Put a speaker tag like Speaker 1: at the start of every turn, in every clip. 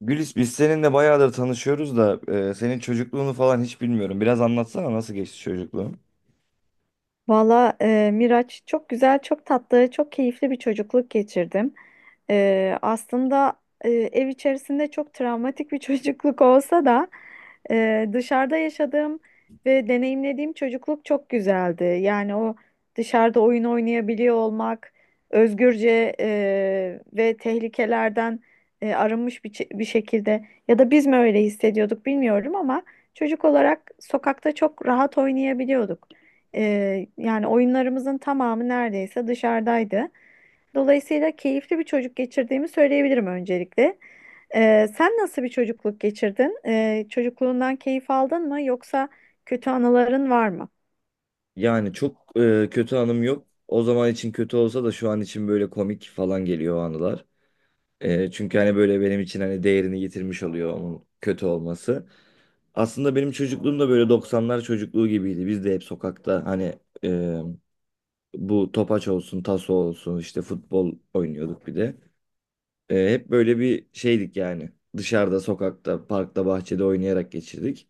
Speaker 1: Gülis biz seninle bayağıdır tanışıyoruz da senin çocukluğunu falan hiç bilmiyorum. Biraz anlatsana nasıl geçti çocukluğun?
Speaker 2: Valla Miraç, çok güzel, çok tatlı, çok keyifli bir çocukluk geçirdim. Aslında ev içerisinde çok travmatik bir çocukluk olsa da dışarıda yaşadığım ve deneyimlediğim çocukluk çok güzeldi. Yani o dışarıda oyun oynayabiliyor olmak, özgürce ve tehlikelerden arınmış bir şekilde, ya da biz mi öyle hissediyorduk bilmiyorum, ama çocuk olarak sokakta çok rahat oynayabiliyorduk. Yani oyunlarımızın tamamı neredeyse dışarıdaydı. Dolayısıyla keyifli bir çocuk geçirdiğimi söyleyebilirim öncelikle. Sen nasıl bir çocukluk geçirdin? Çocukluğundan keyif aldın mı, yoksa kötü anıların var mı?
Speaker 1: Yani çok kötü anım yok. O zaman için kötü olsa da şu an için böyle komik falan geliyor o anılar. Çünkü hani böyle benim için hani değerini yitirmiş oluyor onun kötü olması. Aslında benim çocukluğum da böyle 90'lar çocukluğu gibiydi. Biz de hep sokakta hani bu topaç olsun, taso olsun işte futbol oynuyorduk bir de. Hep böyle bir şeydik yani. Dışarıda, sokakta, parkta, bahçede oynayarak geçirdik.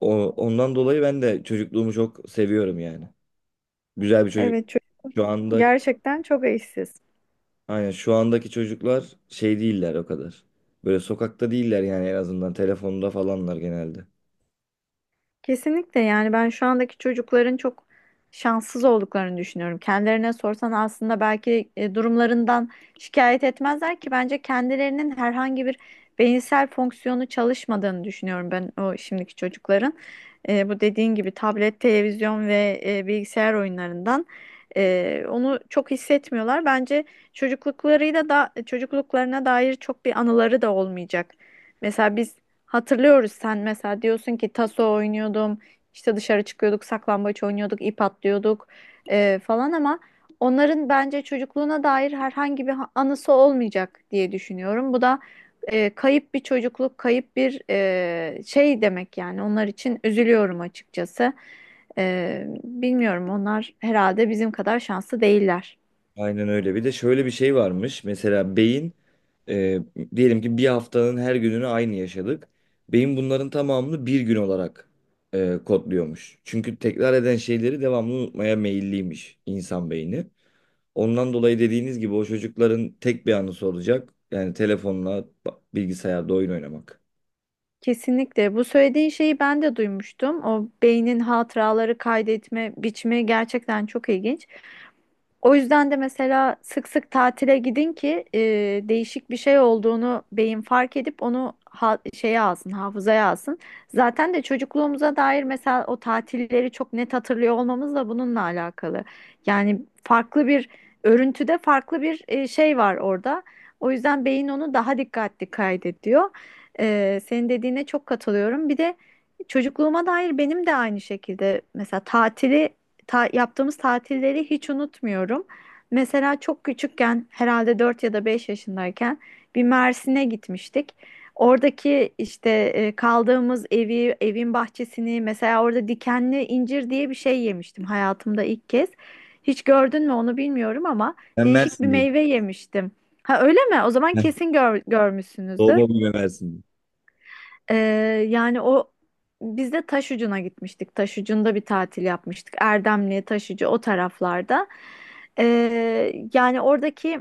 Speaker 1: Ondan dolayı ben de çocukluğumu çok seviyorum yani. Güzel bir çocuk.
Speaker 2: Evet,
Speaker 1: Şu andaki,
Speaker 2: gerçekten çok eşsiz.
Speaker 1: aynen şu andaki çocuklar şey değiller o kadar. Böyle sokakta değiller yani en azından telefonda falanlar genelde.
Speaker 2: Kesinlikle. Yani ben şu andaki çocukların çok şanssız olduklarını düşünüyorum. Kendilerine sorsan aslında belki durumlarından şikayet etmezler, ki bence kendilerinin herhangi bir beyinsel fonksiyonu çalışmadığını düşünüyorum ben o şimdiki çocukların. Bu dediğin gibi tablet, televizyon ve bilgisayar oyunlarından onu çok hissetmiyorlar. Bence çocukluklarıyla da, çocukluklarına dair çok bir anıları da olmayacak. Mesela biz hatırlıyoruz. Sen mesela diyorsun ki taso oynuyordum, işte dışarı çıkıyorduk, saklambaç oynuyorduk, ip atlıyorduk falan, ama onların bence çocukluğuna dair herhangi anısı olmayacak diye düşünüyorum. Bu da kayıp bir çocukluk, kayıp bir şey demek yani. Onlar için üzülüyorum açıkçası. Bilmiyorum, onlar herhalde bizim kadar şanslı değiller.
Speaker 1: Aynen öyle. Bir de şöyle bir şey varmış. Mesela beyin, E, diyelim ki bir haftanın her gününü aynı yaşadık. Beyin bunların tamamını bir gün olarak kodluyormuş. Çünkü tekrar eden şeyleri devamlı unutmaya meyilliymiş insan beyni. Ondan dolayı dediğiniz gibi o çocukların tek bir anı soracak. Yani telefonla bilgisayarda oyun oynamak.
Speaker 2: Kesinlikle. Bu söylediğin şeyi ben de duymuştum. O beynin hatıraları kaydetme biçimi gerçekten çok ilginç. O yüzden de mesela sık sık tatile gidin ki değişik bir şey olduğunu beyin fark edip onu şeye alsın, hafızaya alsın. Zaten de çocukluğumuza dair mesela o tatilleri çok net hatırlıyor olmamız da bununla alakalı. Yani farklı bir örüntüde, farklı bir şey var orada. O yüzden beyin onu daha dikkatli kaydediyor. Senin dediğine çok katılıyorum. Bir de çocukluğuma dair benim de aynı şekilde mesela yaptığımız tatilleri hiç unutmuyorum. Mesela çok küçükken, herhalde 4 ya da 5 yaşındayken, bir Mersin'e gitmiştik. Oradaki işte kaldığımız evi, evin bahçesini, mesela orada dikenli incir diye bir şey yemiştim hayatımda ilk kez. Hiç gördün mü onu bilmiyorum ama
Speaker 1: Ben
Speaker 2: değişik bir
Speaker 1: Mersinliyim.
Speaker 2: meyve yemiştim. Ha, öyle mi? O zaman
Speaker 1: Heh,
Speaker 2: kesin görmüşsünüzdür.
Speaker 1: doğma büyüme Mersinliyim.
Speaker 2: Ee, Yani o biz de Taşucu'na gitmiştik. Taşucu'nda bir tatil yapmıştık. Erdemli, Taşucu, o taraflarda. Yani oradaki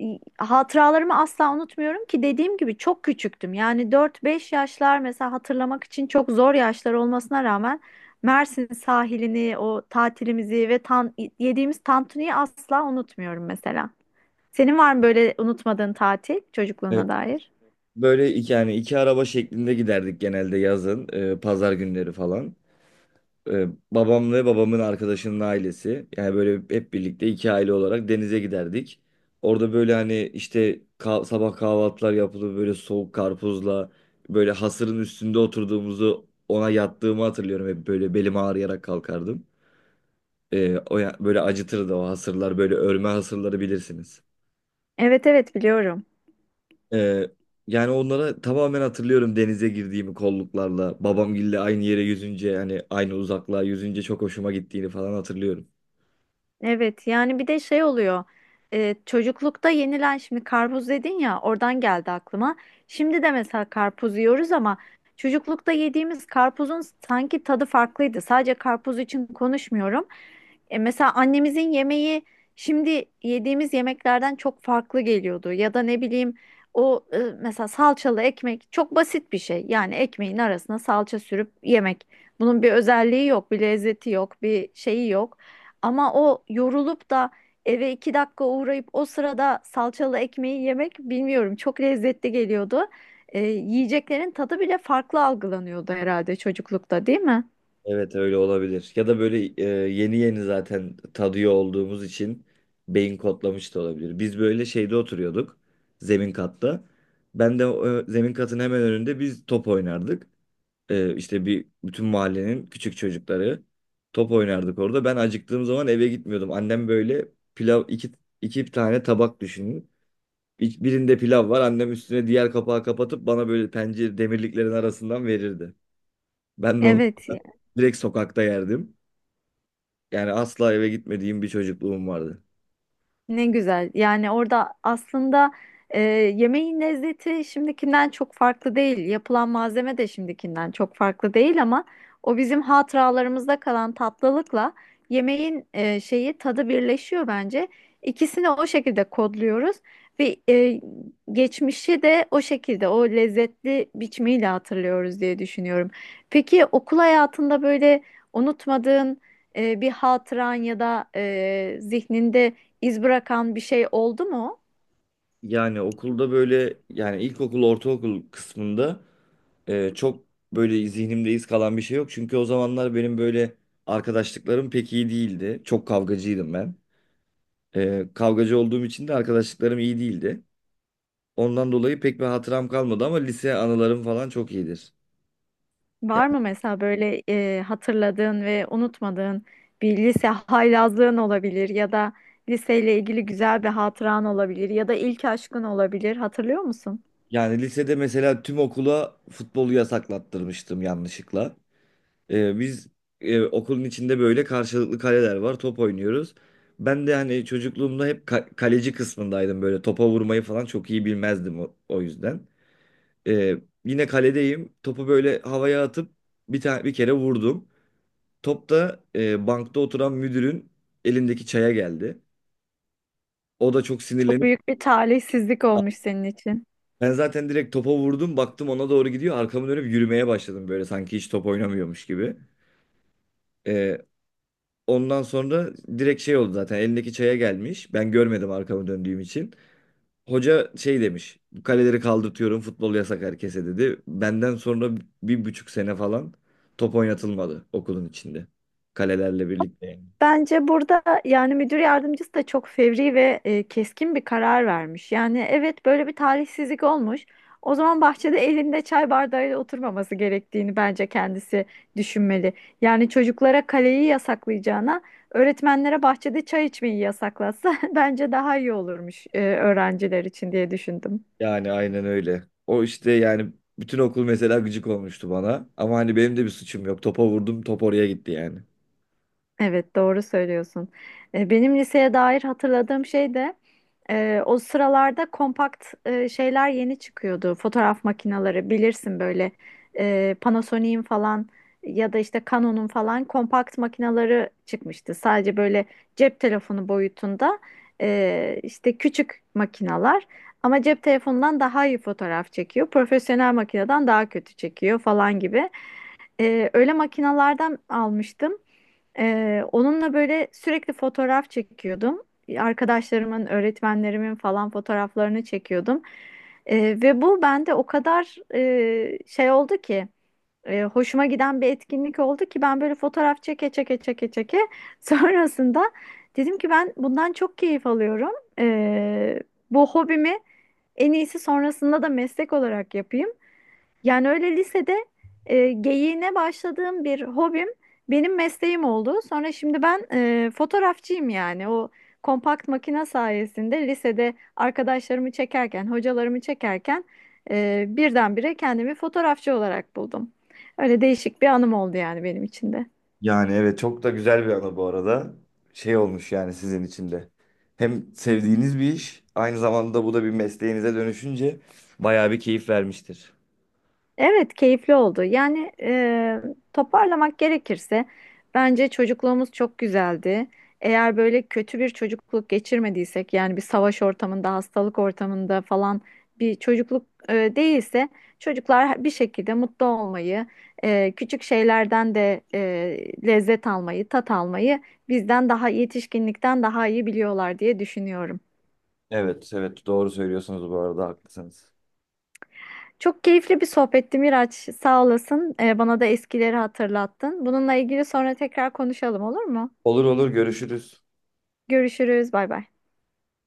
Speaker 2: hatıralarımı asla unutmuyorum, ki dediğim gibi çok küçüktüm. Yani dört beş yaşlar, mesela hatırlamak için çok zor yaşlar olmasına rağmen Mersin sahilini, o tatilimizi ve yediğimiz tantuniyi asla unutmuyorum mesela. Senin var mı böyle unutmadığın tatil,
Speaker 1: Evet,
Speaker 2: çocukluğuna dair?
Speaker 1: böyle yani iki araba şeklinde giderdik genelde yazın, pazar günleri falan. Ee, babam ve babamın arkadaşının ailesi. Yani böyle hep birlikte iki aile olarak denize giderdik. Orada böyle hani işte sabah kahvaltılar yapılır böyle soğuk karpuzla böyle hasırın üstünde oturduğumuzu ona yattığımı hatırlıyorum. Hep böyle belim ağrıyarak kalkardım. O böyle acıtırdı o hasırlar böyle örme hasırları bilirsiniz.
Speaker 2: Evet, evet, biliyorum.
Speaker 1: Ee, yani onlara tamamen hatırlıyorum denize girdiğimi kolluklarla babamgille aynı yere yüzünce yani aynı uzaklığa yüzünce çok hoşuma gittiğini falan hatırlıyorum.
Speaker 2: Evet, yani bir de şey oluyor, çocuklukta yenilen, şimdi karpuz dedin ya, oradan geldi aklıma. Şimdi de mesela karpuz yiyoruz ama çocuklukta yediğimiz karpuzun sanki tadı farklıydı. Sadece karpuz için konuşmuyorum. Mesela annemizin yemeği şimdi yediğimiz yemeklerden çok farklı geliyordu. Ya da ne bileyim, o mesela salçalı ekmek, çok basit bir şey. Yani ekmeğin arasına salça sürüp yemek. Bunun bir özelliği yok, bir lezzeti yok, bir şeyi yok. Ama o yorulup da eve iki dakika uğrayıp o sırada salçalı ekmeği yemek, bilmiyorum, çok lezzetli geliyordu. Yiyeceklerin tadı bile farklı algılanıyordu herhalde çocuklukta, değil mi?
Speaker 1: Evet, öyle olabilir. Ya da böyle yeni yeni zaten tadıyor olduğumuz için beyin kodlamış da olabilir. Biz böyle şeyde oturuyorduk. Zemin katta. Ben de zemin katın hemen önünde biz top oynardık. E, işte bir bütün mahallenin küçük çocukları top oynardık orada. Ben acıktığım zaman eve gitmiyordum. Annem böyle pilav iki tane tabak düşünün. Birinde pilav var. Annem üstüne diğer kapağı kapatıp bana böyle pencere demirliklerin arasından verirdi. Ben de onu
Speaker 2: Evet.
Speaker 1: direkt sokakta yerdim. Yani asla eve gitmediğim bir çocukluğum vardı.
Speaker 2: Ne güzel. Yani orada aslında e, yemeğin lezzeti şimdikinden çok farklı değil. Yapılan malzeme de şimdikinden çok farklı değil, ama o bizim hatıralarımızda kalan tatlılıkla yemeğin şeyi, tadı birleşiyor bence. İkisini o şekilde kodluyoruz ve geçmişi de o şekilde, o lezzetli biçimiyle hatırlıyoruz diye düşünüyorum. Peki okul hayatında böyle unutmadığın bir hatıran ya da zihninde İz bırakan bir şey oldu mu?
Speaker 1: Yani okulda böyle yani ilkokul, ortaokul kısmında çok böyle zihnimde iz kalan bir şey yok. Çünkü o zamanlar benim böyle arkadaşlıklarım pek iyi değildi. Çok kavgacıydım ben. Kavgacı olduğum için de arkadaşlıklarım iyi değildi. Ondan dolayı pek bir hatıram kalmadı ama lise anılarım falan çok iyidir.
Speaker 2: Var mı mesela böyle hatırladığın ve unutmadığın bir lise haylazlığın olabilir, ya da liseyle ilgili güzel bir hatıran olabilir, ya da ilk aşkın olabilir. Hatırlıyor musun?
Speaker 1: Yani lisede mesela tüm okula futbolu yasaklattırmıştım yanlışlıkla. Biz okulun içinde böyle karşılıklı kaleler var. Top oynuyoruz. Ben de hani çocukluğumda hep kaleci kısmındaydım böyle. Topa vurmayı falan çok iyi bilmezdim o yüzden. Ee, yine kaledeyim. Topu böyle havaya atıp bir tane bir kere vurdum. Top da bankta oturan müdürün elindeki çaya geldi. O da çok
Speaker 2: Çok
Speaker 1: sinirlenip,
Speaker 2: büyük bir talihsizlik olmuş senin için.
Speaker 1: ben zaten direkt topa vurdum. Baktım ona doğru gidiyor. Arkamı dönüp yürümeye başladım böyle sanki hiç top oynamıyormuş gibi. Ee, Ondan sonra direkt şey oldu, zaten elindeki çaya gelmiş. Ben görmedim arkamı döndüğüm için. Hoca şey demiş. Kaleleri kaldırtıyorum, futbol yasak herkese, dedi. Benden sonra 1,5 sene falan top oynatılmadı okulun içinde. Kalelerle birlikte. Yani.
Speaker 2: Bence burada yani müdür yardımcısı da çok fevri ve keskin bir karar vermiş. Yani evet, böyle bir talihsizlik olmuş. O zaman bahçede elinde çay bardağıyla oturmaması gerektiğini bence kendisi düşünmeli. Yani çocuklara kaleyi yasaklayacağına, öğretmenlere bahçede çay içmeyi yasaklatsa bence daha iyi olurmuş öğrenciler için diye düşündüm.
Speaker 1: Yani aynen öyle. O işte yani bütün okul mesela gıcık olmuştu bana. Ama hani benim de bir suçum yok. Topa vurdum, top oraya gitti yani.
Speaker 2: Evet, doğru söylüyorsun. Benim liseye dair hatırladığım şey de, o sıralarda kompakt şeyler yeni çıkıyordu. Fotoğraf makineleri, bilirsin, böyle Panasonic'in falan ya da işte Canon'un falan kompakt makineleri çıkmıştı. Sadece böyle cep telefonu boyutunda işte küçük makinalar, ama cep telefonundan daha iyi fotoğraf çekiyor, profesyonel makineden daha kötü çekiyor falan gibi. Öyle makinalardan almıştım. Onunla böyle sürekli fotoğraf çekiyordum. Arkadaşlarımın, öğretmenlerimin falan fotoğraflarını çekiyordum. Ee, Ve bu bende o kadar şey oldu ki, hoşuma giden bir etkinlik oldu ki, ben böyle fotoğraf çeke çeke çeke çeke sonrasında dedim ki ben bundan çok keyif alıyorum. Ee, Bu hobimi en iyisi sonrasında da meslek olarak yapayım. Yani öyle lisede geyiğine başladığım bir hobim benim mesleğim oldu. Sonra şimdi ben fotoğrafçıyım yani. O kompakt makine sayesinde lisede arkadaşlarımı çekerken, hocalarımı çekerken birdenbire kendimi fotoğrafçı olarak buldum. Öyle değişik bir anım oldu yani benim için de.
Speaker 1: Yani evet, çok da güzel bir ana bu arada. Şey olmuş yani sizin için de. Hem sevdiğiniz bir iş, aynı zamanda bu da bir mesleğinize dönüşünce bayağı bir keyif vermiştir.
Speaker 2: Evet, keyifli oldu. Yani toparlamak gerekirse bence çocukluğumuz çok güzeldi. Eğer böyle kötü bir çocukluk geçirmediysek, yani bir savaş ortamında, hastalık ortamında falan bir çocukluk değilse, çocuklar bir şekilde mutlu olmayı, küçük şeylerden de lezzet almayı, tat almayı bizden daha, yetişkinlikten daha iyi biliyorlar diye düşünüyorum.
Speaker 1: Evet, evet, doğru söylüyorsunuz bu arada, haklısınız.
Speaker 2: Çok keyifli bir sohbetti Miraç. Sağ olasın. Bana da eskileri hatırlattın. Bununla ilgili sonra tekrar konuşalım, olur mu?
Speaker 1: Olur, olur, görüşürüz.
Speaker 2: Görüşürüz. Bay bay.